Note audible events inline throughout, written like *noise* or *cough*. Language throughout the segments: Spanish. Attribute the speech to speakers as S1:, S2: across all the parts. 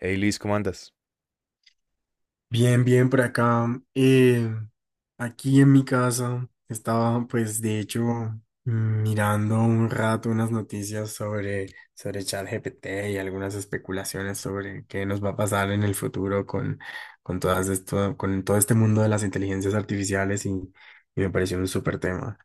S1: Hey Luis, ¿cómo andas?
S2: Bien, bien por acá. Eh, Aquí en mi casa estaba, pues, de hecho, mirando un rato unas noticias sobre ChatGPT y algunas especulaciones sobre qué nos va a pasar en el futuro con todas esto, con todo este mundo de las inteligencias artificiales y me pareció un súper tema.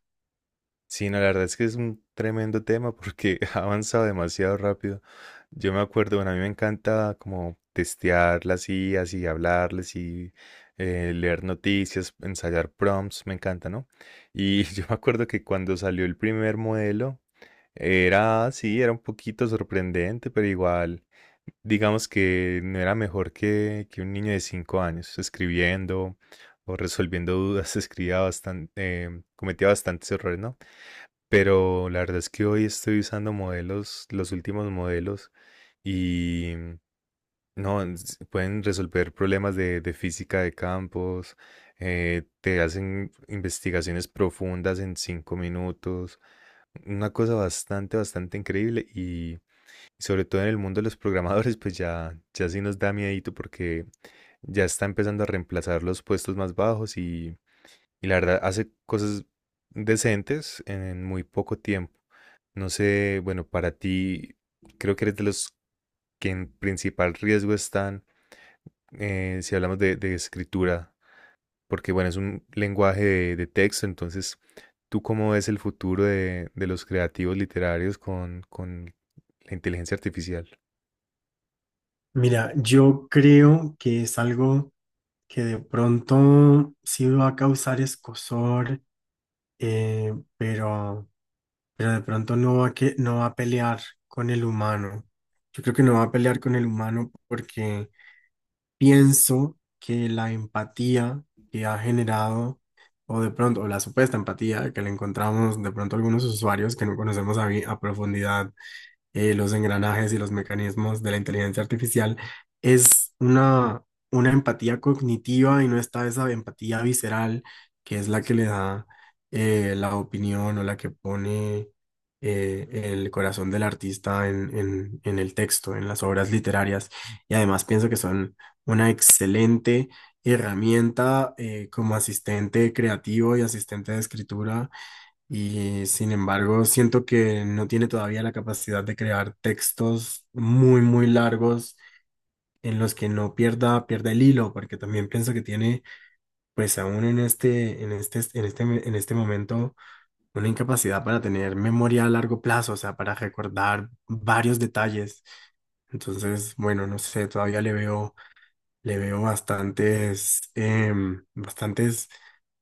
S1: Sí, no, la verdad es que es un tremendo tema porque *laughs* ha avanzado demasiado rápido. Yo me acuerdo, bueno, a mí me encanta como testear las IAs y hablarles y leer noticias, ensayar prompts, me encanta, ¿no? Y *laughs* yo me acuerdo que cuando salió el primer modelo, era, sí, era un poquito sorprendente, pero igual, digamos que no era mejor que un niño de cinco años escribiendo o resolviendo dudas, *laughs* escribía bastante, cometía bastantes errores, ¿no? Pero la verdad es que hoy estoy usando modelos, los últimos modelos, y no, pueden resolver problemas de física de campos, te hacen investigaciones profundas en cinco minutos. Una cosa bastante, bastante increíble y sobre todo en el mundo de los programadores, pues ya, ya sí nos da miedito porque ya está empezando a reemplazar los puestos más bajos y la verdad hace cosas decentes en muy poco tiempo. No sé, bueno, para ti creo que eres de los que en principal riesgo están, si hablamos de escritura, porque bueno, es un lenguaje de texto, entonces, ¿tú cómo ves el futuro de los creativos literarios con la inteligencia artificial?
S2: Mira, yo creo que es algo que de pronto sí va a causar escozor, eh, pero. pero de pronto no va a pelear con el humano. Yo creo que no va a pelear con el humano porque pienso que la empatía que ha generado, o de pronto, o la supuesta empatía que le encontramos de pronto a algunos usuarios que no conocemos a profundidad los engranajes y los mecanismos de la inteligencia artificial, es una empatía cognitiva y no está esa empatía visceral que es la que le da la opinión o la que pone eh, el corazón del artista en el texto, en las obras literarias. Y además pienso que son una excelente herramienta como asistente creativo y asistente de escritura y sin embargo, siento que no tiene todavía la capacidad de crear textos muy, muy largos en los que no pierda el hilo, porque también pienso que tiene, pues aún en este momento, una incapacidad para tener memoria a largo plazo, o sea, para recordar varios detalles. Entonces, bueno, no sé, todavía le veo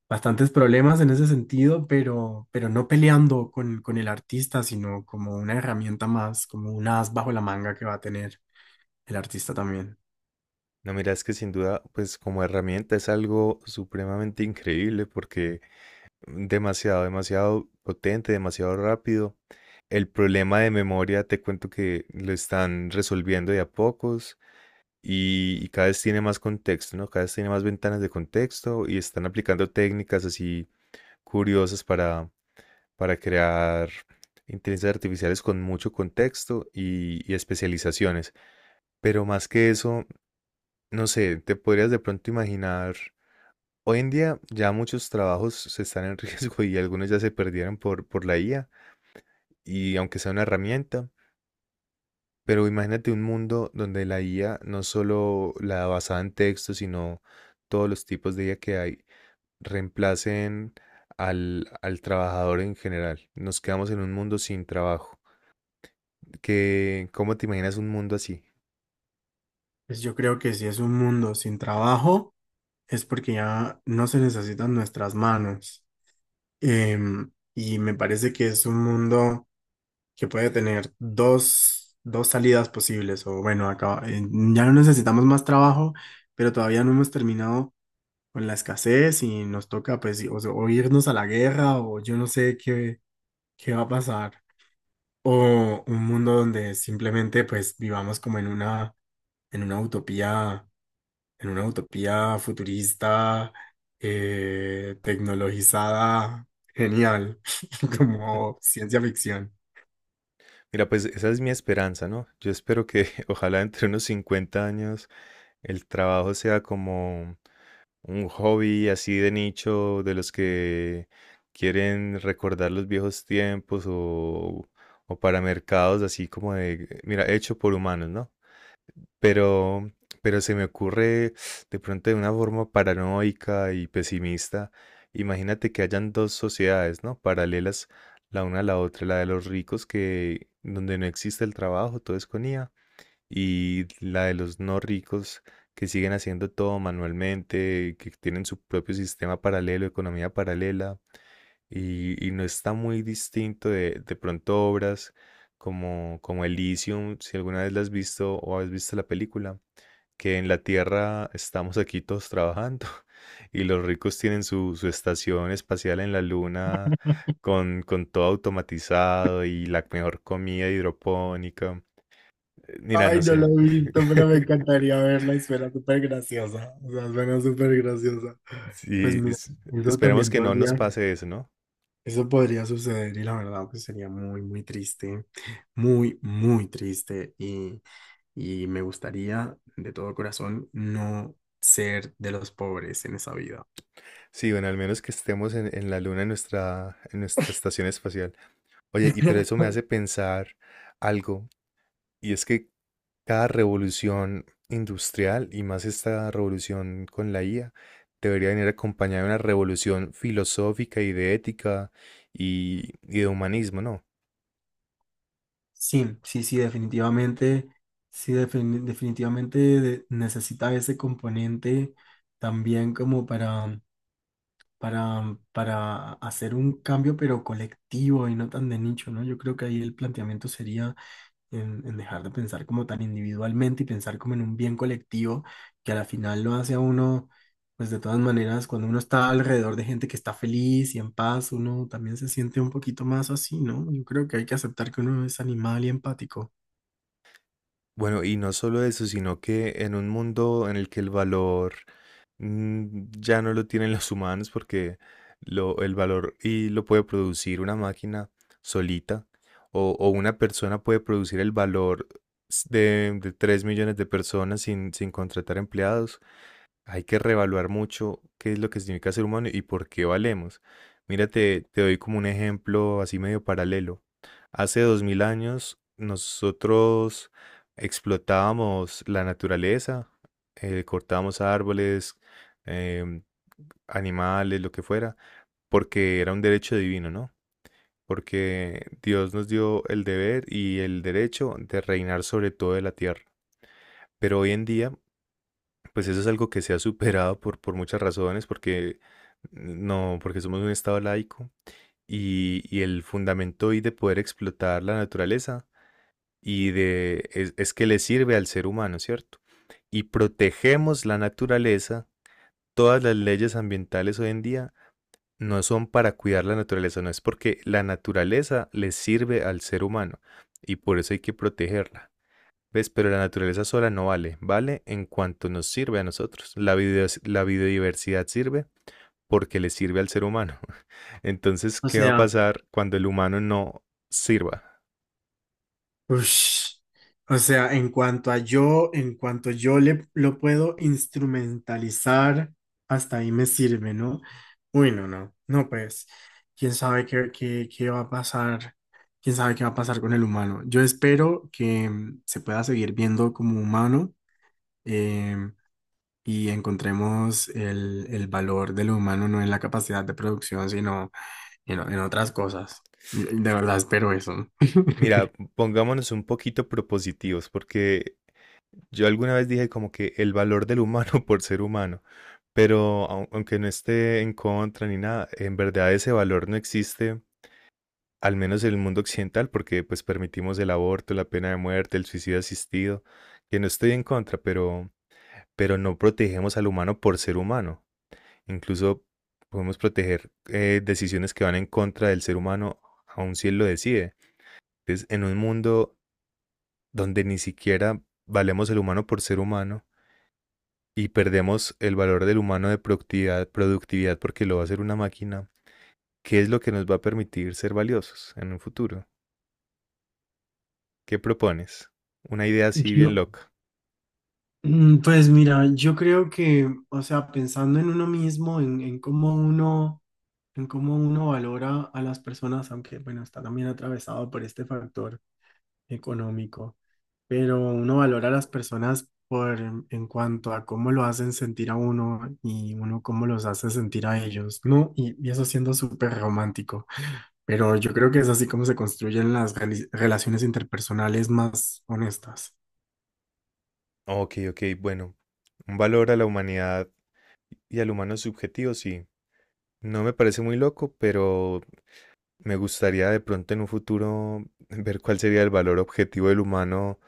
S2: bastantes problemas en ese sentido, pero no peleando con el artista, sino como una herramienta más, como un as bajo la manga que va a tener el artista también.
S1: No, mira, es que sin duda, pues como herramienta es algo supremamente increíble porque demasiado, demasiado potente, demasiado rápido. El problema de memoria, te cuento que lo están resolviendo de a pocos y cada vez tiene más contexto, ¿no? Cada vez tiene más ventanas de contexto y están aplicando técnicas así curiosas para crear inteligencias artificiales con mucho contexto y especializaciones. Pero más que eso, no sé, te podrías de pronto imaginar, hoy en día ya muchos trabajos se están en *laughs* riesgo y algunos ya se perdieron por la IA, y aunque sea una herramienta, pero imagínate un mundo donde la IA, no solo la basada en texto, sino todos los tipos de IA que hay, reemplacen al trabajador en general. Nos quedamos en un mundo sin trabajo. Que, ¿cómo te imaginas un mundo así?
S2: Pues yo creo que si es un mundo sin trabajo, es porque ya no se necesitan nuestras manos. Em, y me parece que es un mundo... que puede tener dos salidas posibles, o bueno, acá ya no necesitamos más trabajo, pero todavía no hemos terminado con la escasez y nos toca pues o irnos a la guerra o yo no sé qué, qué va a pasar, o un mundo donde simplemente pues vivamos como en en una utopía, en una utopía futurista, tecnologizada, genial, *laughs* como
S1: *laughs*
S2: ciencia ficción.
S1: Mira, pues esa es mi esperanza, ¿no? Yo espero que *laughs* ojalá entre unos 50 años el trabajo sea como un hobby así de nicho, de los que quieren recordar los viejos tiempos o para mercados así como de, mira, hecho por humanos, ¿no? Pero, pero se me ocurre de pronto de una forma paranoica y pesimista. Imagínate que hayan dos sociedades, ¿no? Paralelas la una a la otra, la de los ricos, que donde no existe el trabajo, todo es con IA, y la de los no ricos que siguen haciendo todo manualmente, que tienen su propio sistema paralelo, economía paralela, y no está muy distinto de pronto obras como Elysium, si alguna vez la has visto o has visto la película, que en la Tierra estamos aquí todos trabajando *laughs* y los ricos tienen su estación espacial en la Luna con todo automatizado y la mejor comida hidropónica. Mira, no
S2: Ay, no la
S1: sé,
S2: he visto, pero me encantaría verla y suena súper graciosa. O sea, suena súper graciosa. Pues
S1: sí,
S2: mira, eso
S1: esperemos
S2: también
S1: que no nos
S2: podría,
S1: pase eso, ¿no?
S2: eso podría suceder y la verdad pues sería muy, muy triste y me gustaría de todo corazón no ser de los pobres en esa vida.
S1: Sí, bueno, al menos que estemos en la Luna en nuestra estación espacial. Oye, y pero eso me
S2: *laughs*
S1: hace pensar algo. Y es que cada revolución industrial y más esta revolución con la IA debería venir acompañada de una revolución filosófica y de ética y de humanismo, ¿no?
S2: Sí, sí, sí, definitivamente, sí, definitivamente necesita ese componente también como para para hacer un cambio, pero colectivo y no tan de nicho, ¿no? Yo creo que ahí el planteamiento sería en dejar de pensar como tan individualmente y pensar como en un bien colectivo, que a la final lo hace a uno, pues de todas maneras, cuando uno está alrededor de gente que está feliz y en paz, uno también se siente un poquito más así, ¿no? Yo creo que hay que aceptar que uno es animal y empático.
S1: Bueno, y no solo eso, sino que en un mundo en el que el valor ya no lo tienen los humanos, porque el valor y lo puede producir una máquina solita, o una persona puede producir el valor de 3 millones de personas sin contratar empleados, hay que reevaluar mucho qué es lo que significa ser humano y por qué valemos. Mira, te doy como un ejemplo así medio paralelo. Hace dos mil años nosotros explotábamos la naturaleza, cortábamos árboles, em, animales, lo que fuera, porque era un derecho divino, ¿no? Porque Dios nos dio el deber y el derecho de reinar sobre toda la tierra. Pero hoy en día pues eso es algo que se ha superado por muchas razones, porque no, porque somos un estado laico y el fundamento hoy de poder explotar la naturaleza y de es que le sirve al ser humano, ¿cierto? Y protegemos la naturaleza, todas las leyes ambientales hoy en día no son para cuidar la naturaleza, no, es porque la naturaleza le sirve al ser humano y por eso hay que protegerla. ¿Ves? Pero la naturaleza sola no vale, vale en cuanto nos sirve a nosotros. La la biodiversidad sirve porque le sirve al ser humano. *laughs* Entonces,
S2: O
S1: ¿qué va a
S2: sea,
S1: pasar cuando el humano no sirva?
S2: ush. O sea, en cuanto a yo, en cuanto yo le, lo puedo instrumentalizar, hasta ahí me sirve, ¿no? Uy, no, no, no, pues, quién sabe qué, qué, qué va a pasar, quién sabe qué va a pasar con el humano. Yo espero que se pueda seguir viendo como humano em, y encontremos el valor de lo humano no en la capacidad de producción, sino en otras cosas. Yo- De verdad espero eso. *laughs*
S1: Mira, pongámonos un poquito propositivos, porque yo alguna vez dije como que el valor del humano *laughs* por ser humano, pero aunque no esté en contra ni nada, en verdad ese valor no existe. Al menos en el mundo occidental, porque pues permitimos el aborto, la pena de muerte, el suicidio asistido, que no estoy en contra, pero no protegemos al humano por ser humano. Incluso podemos proteger decisiones que van en contra del ser humano, aun si él lo decide. Entonces, en un mundo donde ni siquiera valemos el humano por ser humano y perdemos el valor del humano de productividad, productividad porque lo va a hacer una máquina, ¿qué es lo que nos va a permitir ser valiosos en un futuro? ¿Qué propones? Una idea así bien
S2: Yo-
S1: loca.
S2: Pues mira, yo creo que, o sea, pensando en uno mismo, en cómo uno valora a las personas, aunque bueno, está también atravesado por este factor económico, pero uno valora a las personas por en cuanto a cómo lo hacen sentir a uno y uno cómo los hace sentir a ellos, ¿no? Y eso siendo súper romántico, pero yo creo que es así como se construyen las relaciones interpersonales más honestas.
S1: Ok, ok, bueno. Un valor a la humanidad y al humano subjetivo, sí. No me parece muy loco, pero me gustaría de pronto en un futuro ver cuál sería el valor objetivo del humano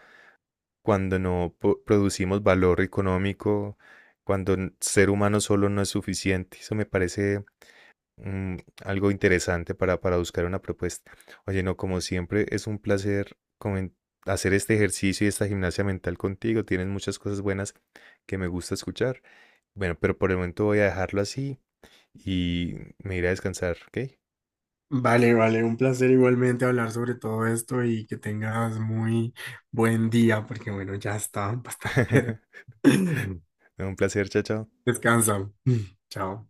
S1: cuando no producimos valor económico, cuando ser humano solo no es suficiente. Eso me parece Mm, algo interesante para buscar una propuesta. Oye, no, como siempre, es un placer hacer este ejercicio y esta gimnasia mental contigo. Tienes muchas cosas buenas que me gusta escuchar. Bueno, pero por el momento voy a dejarlo así y me iré a descansar, ¿ok?
S2: Vale, vale, un placer igualmente hablar sobre todo esto y que tengas muy buen día, porque bueno, ya está bastante.
S1: *laughs*
S2: *laughs*
S1: Un placer, chao, chao.
S2: Descansa. *laughs* Chao.